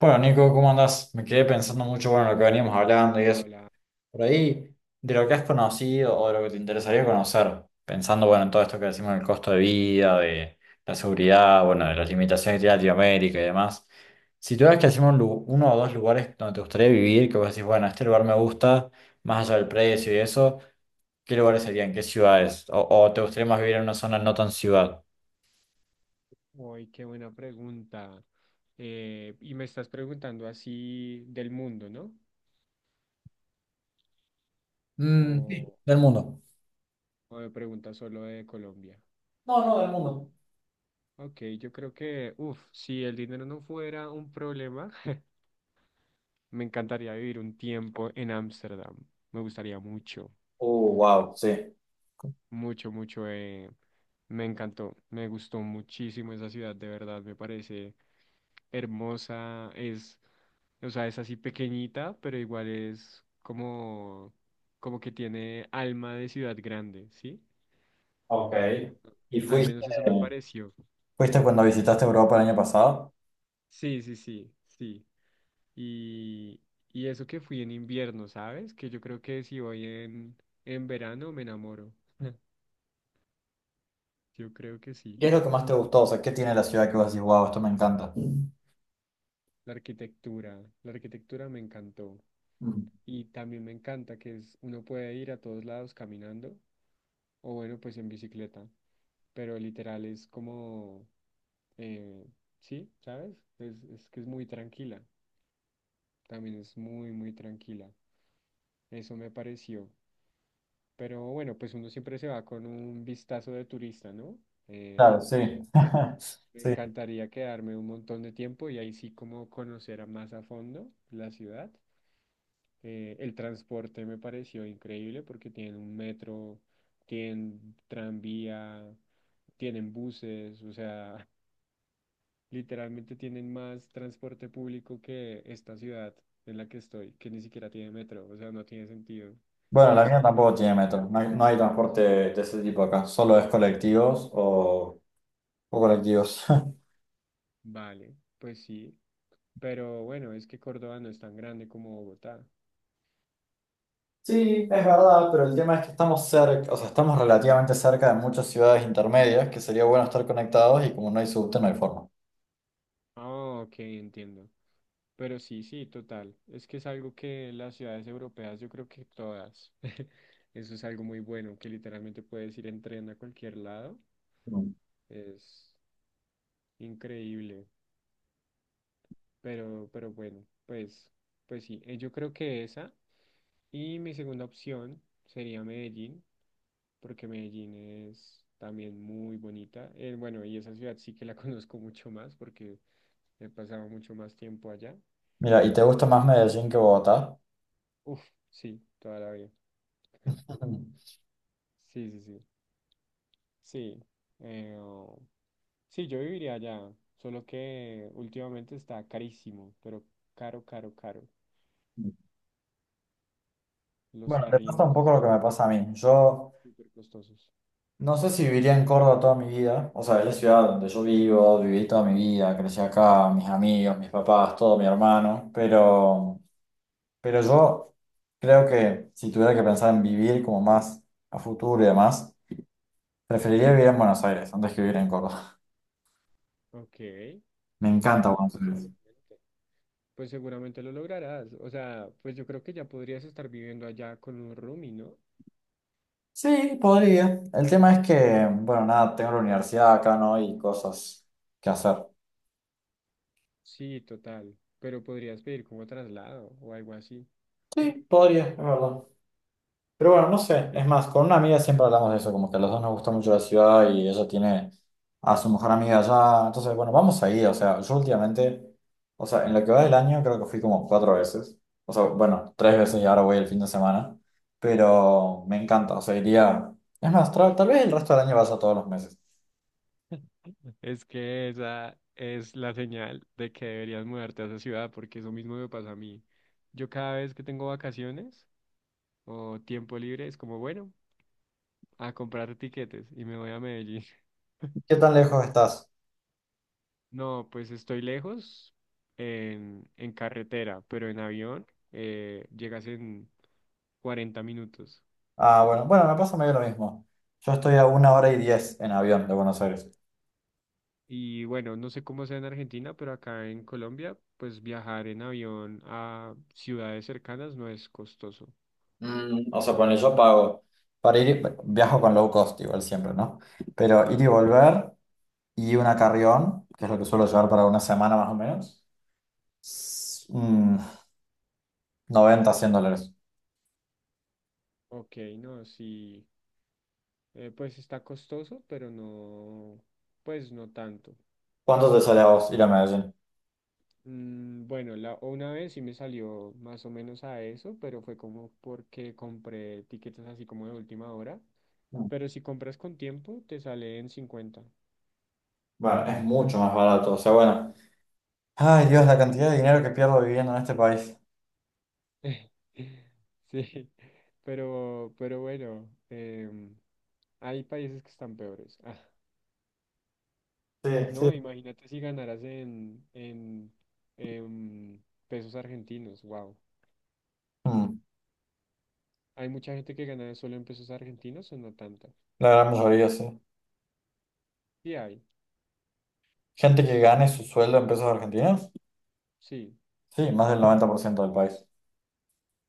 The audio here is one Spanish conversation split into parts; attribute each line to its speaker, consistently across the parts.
Speaker 1: Bueno, Nico, ¿cómo andás? Me quedé pensando mucho, bueno, en lo que veníamos hablando y
Speaker 2: Hola,
Speaker 1: eso.
Speaker 2: hola.
Speaker 1: Por ahí, de lo que has conocido o de lo que te interesaría conocer, pensando, bueno, en todo esto que decimos del costo de vida, de la seguridad, bueno, de las limitaciones que tiene Latinoamérica y demás. Si tuvieras que decirme uno o dos lugares donde te gustaría vivir, que vos decís, bueno, este lugar me gusta, más allá del precio y eso, ¿qué lugares serían? ¿Qué ciudades? ¿O te gustaría más vivir en una zona no tan ciudad?
Speaker 2: Uy, qué buena pregunta. Y me estás preguntando así del mundo, ¿no?
Speaker 1: Mm, sí,
Speaker 2: O,
Speaker 1: del mundo.
Speaker 2: o me preguntas solo de Colombia.
Speaker 1: No, no, del mundo.
Speaker 2: Ok, yo creo que, uff, si el dinero no fuera un problema, me encantaría vivir un tiempo en Ámsterdam. Me gustaría mucho,
Speaker 1: Wow, sí.
Speaker 2: mucho, mucho. Me encantó, me gustó muchísimo esa ciudad, de verdad, me parece hermosa, o sea, es así pequeñita, pero igual es como, que tiene alma de ciudad grande, ¿sí?
Speaker 1: Ok. ¿Y
Speaker 2: Al
Speaker 1: fuiste,
Speaker 2: menos eso me pareció.
Speaker 1: fuiste cuando visitaste Europa el año pasado?
Speaker 2: Sí, sí, sí, sí. Y, y eso que fui en invierno, ¿sabes? Que yo creo que si voy en verano me enamoro. Yo creo que sí.
Speaker 1: ¿Qué es lo que más te gustó? O sea, ¿qué tiene la ciudad que vos decís, wow, esto me encanta?
Speaker 2: La arquitectura me encantó.
Speaker 1: Mm.
Speaker 2: Y también me encanta que uno puede ir a todos lados caminando o bueno, pues en bicicleta. Pero literal es como, eh, sí, ¿sabes? Es que es muy tranquila, también es muy, muy tranquila. Eso me pareció. Pero bueno, pues uno siempre se va con un vistazo de turista, ¿no?
Speaker 1: Claro,
Speaker 2: Em,
Speaker 1: sí.
Speaker 2: Me
Speaker 1: Sí.
Speaker 2: encantaría quedarme un montón de tiempo y ahí sí como conocer a más a fondo la ciudad. El transporte me pareció increíble porque tienen un metro, tienen tranvía, tienen buses, o sea, literalmente tienen más transporte público que esta ciudad en la que estoy, que ni siquiera tiene metro, o sea, no tiene sentido.
Speaker 1: Bueno,
Speaker 2: Y
Speaker 1: la
Speaker 2: es,
Speaker 1: mía tampoco tiene metro. No hay transporte de ese tipo acá. Solo es colectivos o colectivos.
Speaker 2: vale, pues sí, pero bueno, es que Córdoba no es tan grande como Bogotá.
Speaker 1: Sí, es verdad, pero el tema es que estamos cerca, o sea, estamos relativamente cerca de muchas ciudades intermedias que sería bueno estar conectados y como no hay subte, no hay forma.
Speaker 2: Ah, ok, entiendo. Pero sí, sí, total. Es que es algo que las ciudades europeas, yo creo que todas, eso es algo muy bueno, que literalmente puedes ir en tren a cualquier lado.
Speaker 1: Mm.
Speaker 2: Es increíble. Pero bueno, pues sí, yo creo que esa. Y mi segunda opción sería Medellín, porque Medellín es también muy bonita. Bueno, y esa ciudad sí que la conozco mucho más porque he pasado mucho más tiempo allá.
Speaker 1: Mira, ¿y te gusta más Medellín que Bogotá?
Speaker 2: Uf, sí, toda la vida. Sí, sí, sí. Sí. eh, oh, sí, yo viviría allá, solo que últimamente está carísimo, pero caro, caro, caro. Los
Speaker 1: Bueno, te pasa un
Speaker 2: arriendos
Speaker 1: poco lo que
Speaker 2: están
Speaker 1: me pasa a mí. Yo
Speaker 2: súper costosos.
Speaker 1: no sé si viviría en Córdoba toda mi vida. O sea, es la ciudad donde yo vivo, viví toda mi vida, crecí acá, mis amigos, mis papás, todo mi hermano. Pero yo creo que si tuviera que pensar en vivir como más a futuro y demás, preferiría vivir en Buenos Aires antes que vivir en Córdoba.
Speaker 2: Ok.
Speaker 1: Me encanta
Speaker 2: No,
Speaker 1: Buenos
Speaker 2: pues
Speaker 1: Aires.
Speaker 2: seguramente. Pues seguramente lo lograrás. O sea, pues yo creo que ya podrías estar viviendo allá con un roomie, ¿no?
Speaker 1: Sí, podría. El tema es que, bueno, nada, tengo la universidad acá, ¿no? Y cosas que hacer.
Speaker 2: Sí, total. Pero podrías pedir como traslado o algo así.
Speaker 1: Sí, podría, es verdad. Pero bueno, no sé, es más, con una amiga siempre hablamos de eso, como que a los dos nos gusta mucho la ciudad y ella tiene a su mejor amiga allá, entonces bueno, vamos ahí, o sea, yo últimamente, o sea, en lo que va del año creo que fui como cuatro veces, o sea, bueno, tres veces y ahora voy el fin de semana, pero me encanta, o sea, iría, es más, tal vez el resto del año vas a todos los meses.
Speaker 2: Es que esa es la señal de que deberías mudarte a esa ciudad, porque eso mismo me pasa a mí. Yo cada vez que tengo vacaciones o tiempo libre, es como, bueno, a comprar tiquetes y me voy a Medellín.
Speaker 1: ¿Qué tan lejos estás?
Speaker 2: No, pues estoy lejos en, carretera, pero en avión llegas en 40 minutos.
Speaker 1: Ah, bueno, bueno, me pasa medio lo mismo, yo estoy a 1 hora y 10 en avión de Buenos Aires.
Speaker 2: Y bueno, no sé cómo sea en Argentina, pero acá en Colombia, pues viajar en avión a ciudades cercanas no es costoso.
Speaker 1: O sea, ponle, yo pago para ir, bueno, viajo con low cost igual siempre, ¿no? Pero ir y volver y una carrión, que es lo que suelo llevar para una semana más o menos, s- mm, 90, $100.
Speaker 2: Ok, no, sí, pues está costoso, pero no, pues no tanto.
Speaker 1: ¿Cuánto te sale a vos ir a Medellín?
Speaker 2: Mm, bueno, una vez sí me salió más o menos a eso, pero fue como porque compré tiquetes así como de última hora.
Speaker 1: Mm,
Speaker 2: Pero si compras con tiempo, te sale en 50.
Speaker 1: Bueno, es mucho más barato, o sea, bueno. Ay, Dios, la cantidad de dinero que pierdo viviendo en este país.
Speaker 2: Sí, pero bueno, hay países que están peores. Ah,
Speaker 1: Sí, sí.
Speaker 2: no, imagínate si ganaras en, em, pesos argentinos, wow.
Speaker 1: Mm,
Speaker 2: ¿Hay mucha gente que gana solo en pesos argentinos o no tanta?
Speaker 1: la gran mayoría, sí.
Speaker 2: Sí hay,
Speaker 1: Gente que gane su sueldo en pesos argentinos,
Speaker 2: sí.
Speaker 1: sí, más del 90% del país.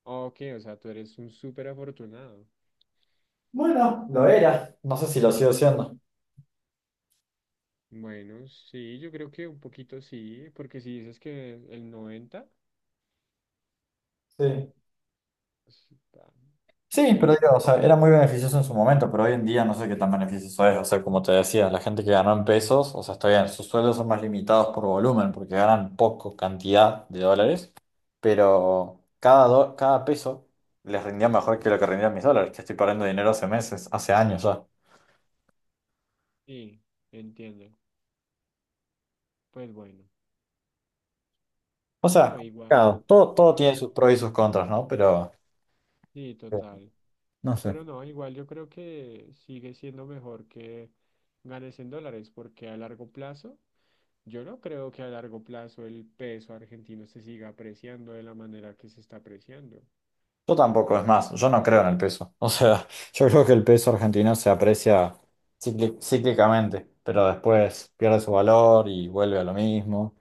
Speaker 2: Ah, ok, o sea, tú eres un súper afortunado.
Speaker 1: Bueno, lo era. No sé si lo sigo siendo.
Speaker 2: Bueno, sí, yo creo que un poquito sí, porque si dices que el 90,
Speaker 1: Sí.
Speaker 2: pues, ah,
Speaker 1: Sí, pero
Speaker 2: sí,
Speaker 1: digo, o sea, era muy beneficioso en su momento, pero hoy en día no sé qué tan beneficioso es. O sea, como te decía, la gente que ganó en pesos, o sea, está bien, sus sueldos son más limitados por volumen, porque ganan poco cantidad de dólares, pero cada peso les rendía mejor que lo que rendían mis dólares, que estoy perdiendo dinero hace meses, hace años ya.
Speaker 2: sí, entiendo. Pues bueno.
Speaker 1: O sea,
Speaker 2: No,
Speaker 1: complicado.
Speaker 2: igual,
Speaker 1: Todo tiene
Speaker 2: igual,
Speaker 1: sus pros y sus contras, ¿no? Pero
Speaker 2: sí,
Speaker 1: eh,
Speaker 2: total.
Speaker 1: no sé.
Speaker 2: Pero no, igual yo creo que sigue siendo mejor que ganes en dólares, porque a largo plazo, yo no creo que a largo plazo el peso argentino se siga apreciando de la manera que se está apreciando.
Speaker 1: Yo tampoco, es más, yo no creo en el peso. O sea, yo creo que el peso argentino se aprecia cíclicamente, pero después pierde su valor y vuelve a lo mismo.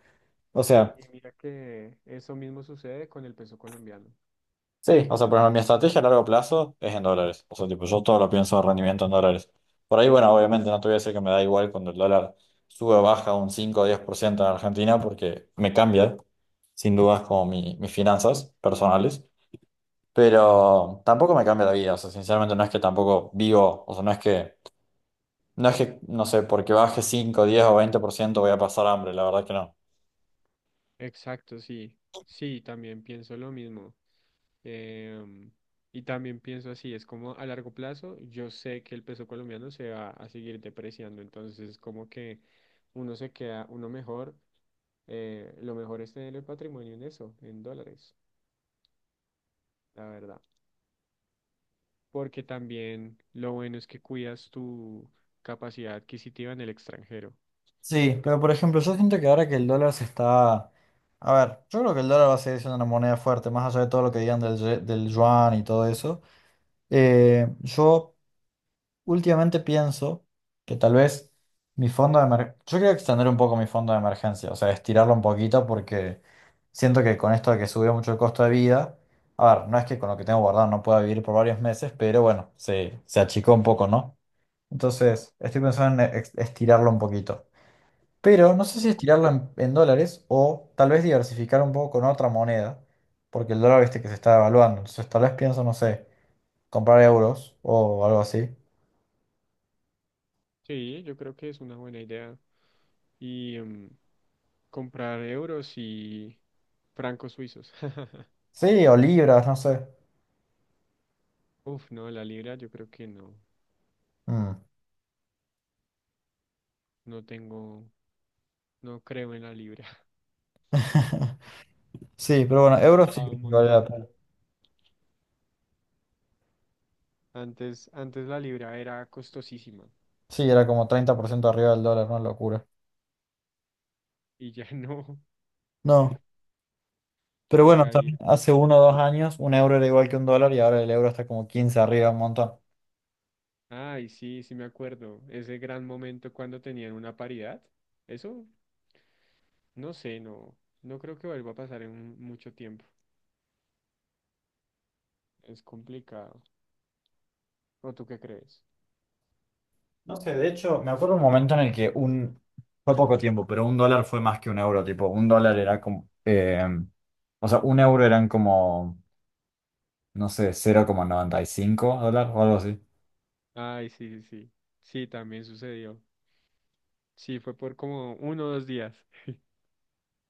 Speaker 1: O sea,
Speaker 2: Y mira que eso mismo sucede con el peso colombiano.
Speaker 1: sí, o sea, por ejemplo, mi estrategia a largo plazo es en dólares. O sea, tipo, yo todo lo pienso de rendimiento en dólares. Por ahí, bueno, obviamente no te voy a decir que me da igual cuando el dólar sube o baja un 5 o 10% en Argentina porque me cambia, sin dudas, como mis finanzas personales. Pero tampoco me cambia la vida, o sea, sinceramente no es que tampoco vivo, o sea, no es que, no sé, porque baje 5 10 o 20% voy a pasar hambre, la verdad que no.
Speaker 2: Exacto, sí. Sí, también pienso lo mismo. Em, y también pienso así, es como a largo plazo, yo sé que el peso colombiano se va a seguir depreciando, entonces como que uno se queda, uno mejor, lo mejor es tener el patrimonio en eso, en dólares, la verdad. Porque también lo bueno es que cuidas tu capacidad adquisitiva en el extranjero.
Speaker 1: Sí, pero por ejemplo, yo siento que ahora que el dólar se está... A ver, yo creo que el dólar va a seguir siendo una moneda fuerte, más allá de todo lo que digan del, del yuan y todo eso. Yo últimamente pienso que tal vez mi fondo de emergencia... Yo quiero extender un poco mi fondo de emergencia, o sea, estirarlo un poquito porque siento que con esto de que subió mucho el costo de vida, a ver, no es que con lo que tengo guardado no pueda vivir por varios meses, pero bueno, se achicó un poco, ¿no? Entonces, estoy pensando en estirarlo un poquito. Pero no sé si
Speaker 2: Ok.
Speaker 1: estirarlo en dólares o tal vez diversificar un poco con otra moneda, porque el dólar viste que se está devaluando. Entonces, tal vez pienso, no sé, comprar euros o algo así.
Speaker 2: Sí, yo creo que es una buena idea. Y comprar euros y francos suizos.
Speaker 1: Sí, o libras, no sé.
Speaker 2: Uf, no, la libra yo creo que no.
Speaker 1: Mm.
Speaker 2: No tengo, no creo en la libra.
Speaker 1: Sí, pero bueno,
Speaker 2: Ha
Speaker 1: euros sí
Speaker 2: bajado
Speaker 1: que
Speaker 2: un
Speaker 1: vale la
Speaker 2: montón.
Speaker 1: pena.
Speaker 2: Antes la libra era costosísima
Speaker 1: Sí, era como 30% arriba del dólar, una locura.
Speaker 2: y ya no
Speaker 1: No, pero bueno,
Speaker 2: toca
Speaker 1: también
Speaker 2: ir.
Speaker 1: hace 1 o 2 años un euro era igual que un dólar y ahora el euro está como 15 arriba, un montón.
Speaker 2: Ay, sí, sí me acuerdo. Ese gran momento cuando tenían una paridad. Eso, no sé, no, no creo que vuelva a pasar en un- mucho tiempo. Es complicado. ¿O tú qué crees?
Speaker 1: No sé, de hecho, me acuerdo un momento en el que fue poco tiempo, pero un dólar fue más que un euro, tipo, un dólar era como, o sea, un euro eran como, no sé, 0,95 dólares o algo así.
Speaker 2: Ay, sí, sí, sí. Sí, también sucedió. Sí, fue por como uno o dos días.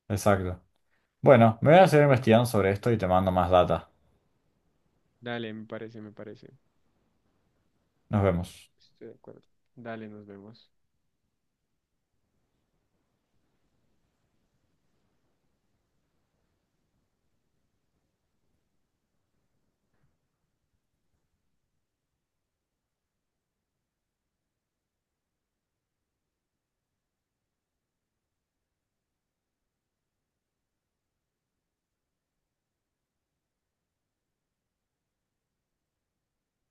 Speaker 1: Exacto. Bueno, me voy a
Speaker 2: Sí.
Speaker 1: seguir investigando sobre esto y te mando más data.
Speaker 2: Dale, me parece, me parece.
Speaker 1: Nos vemos.
Speaker 2: Estoy de acuerdo. Dale, nos vemos.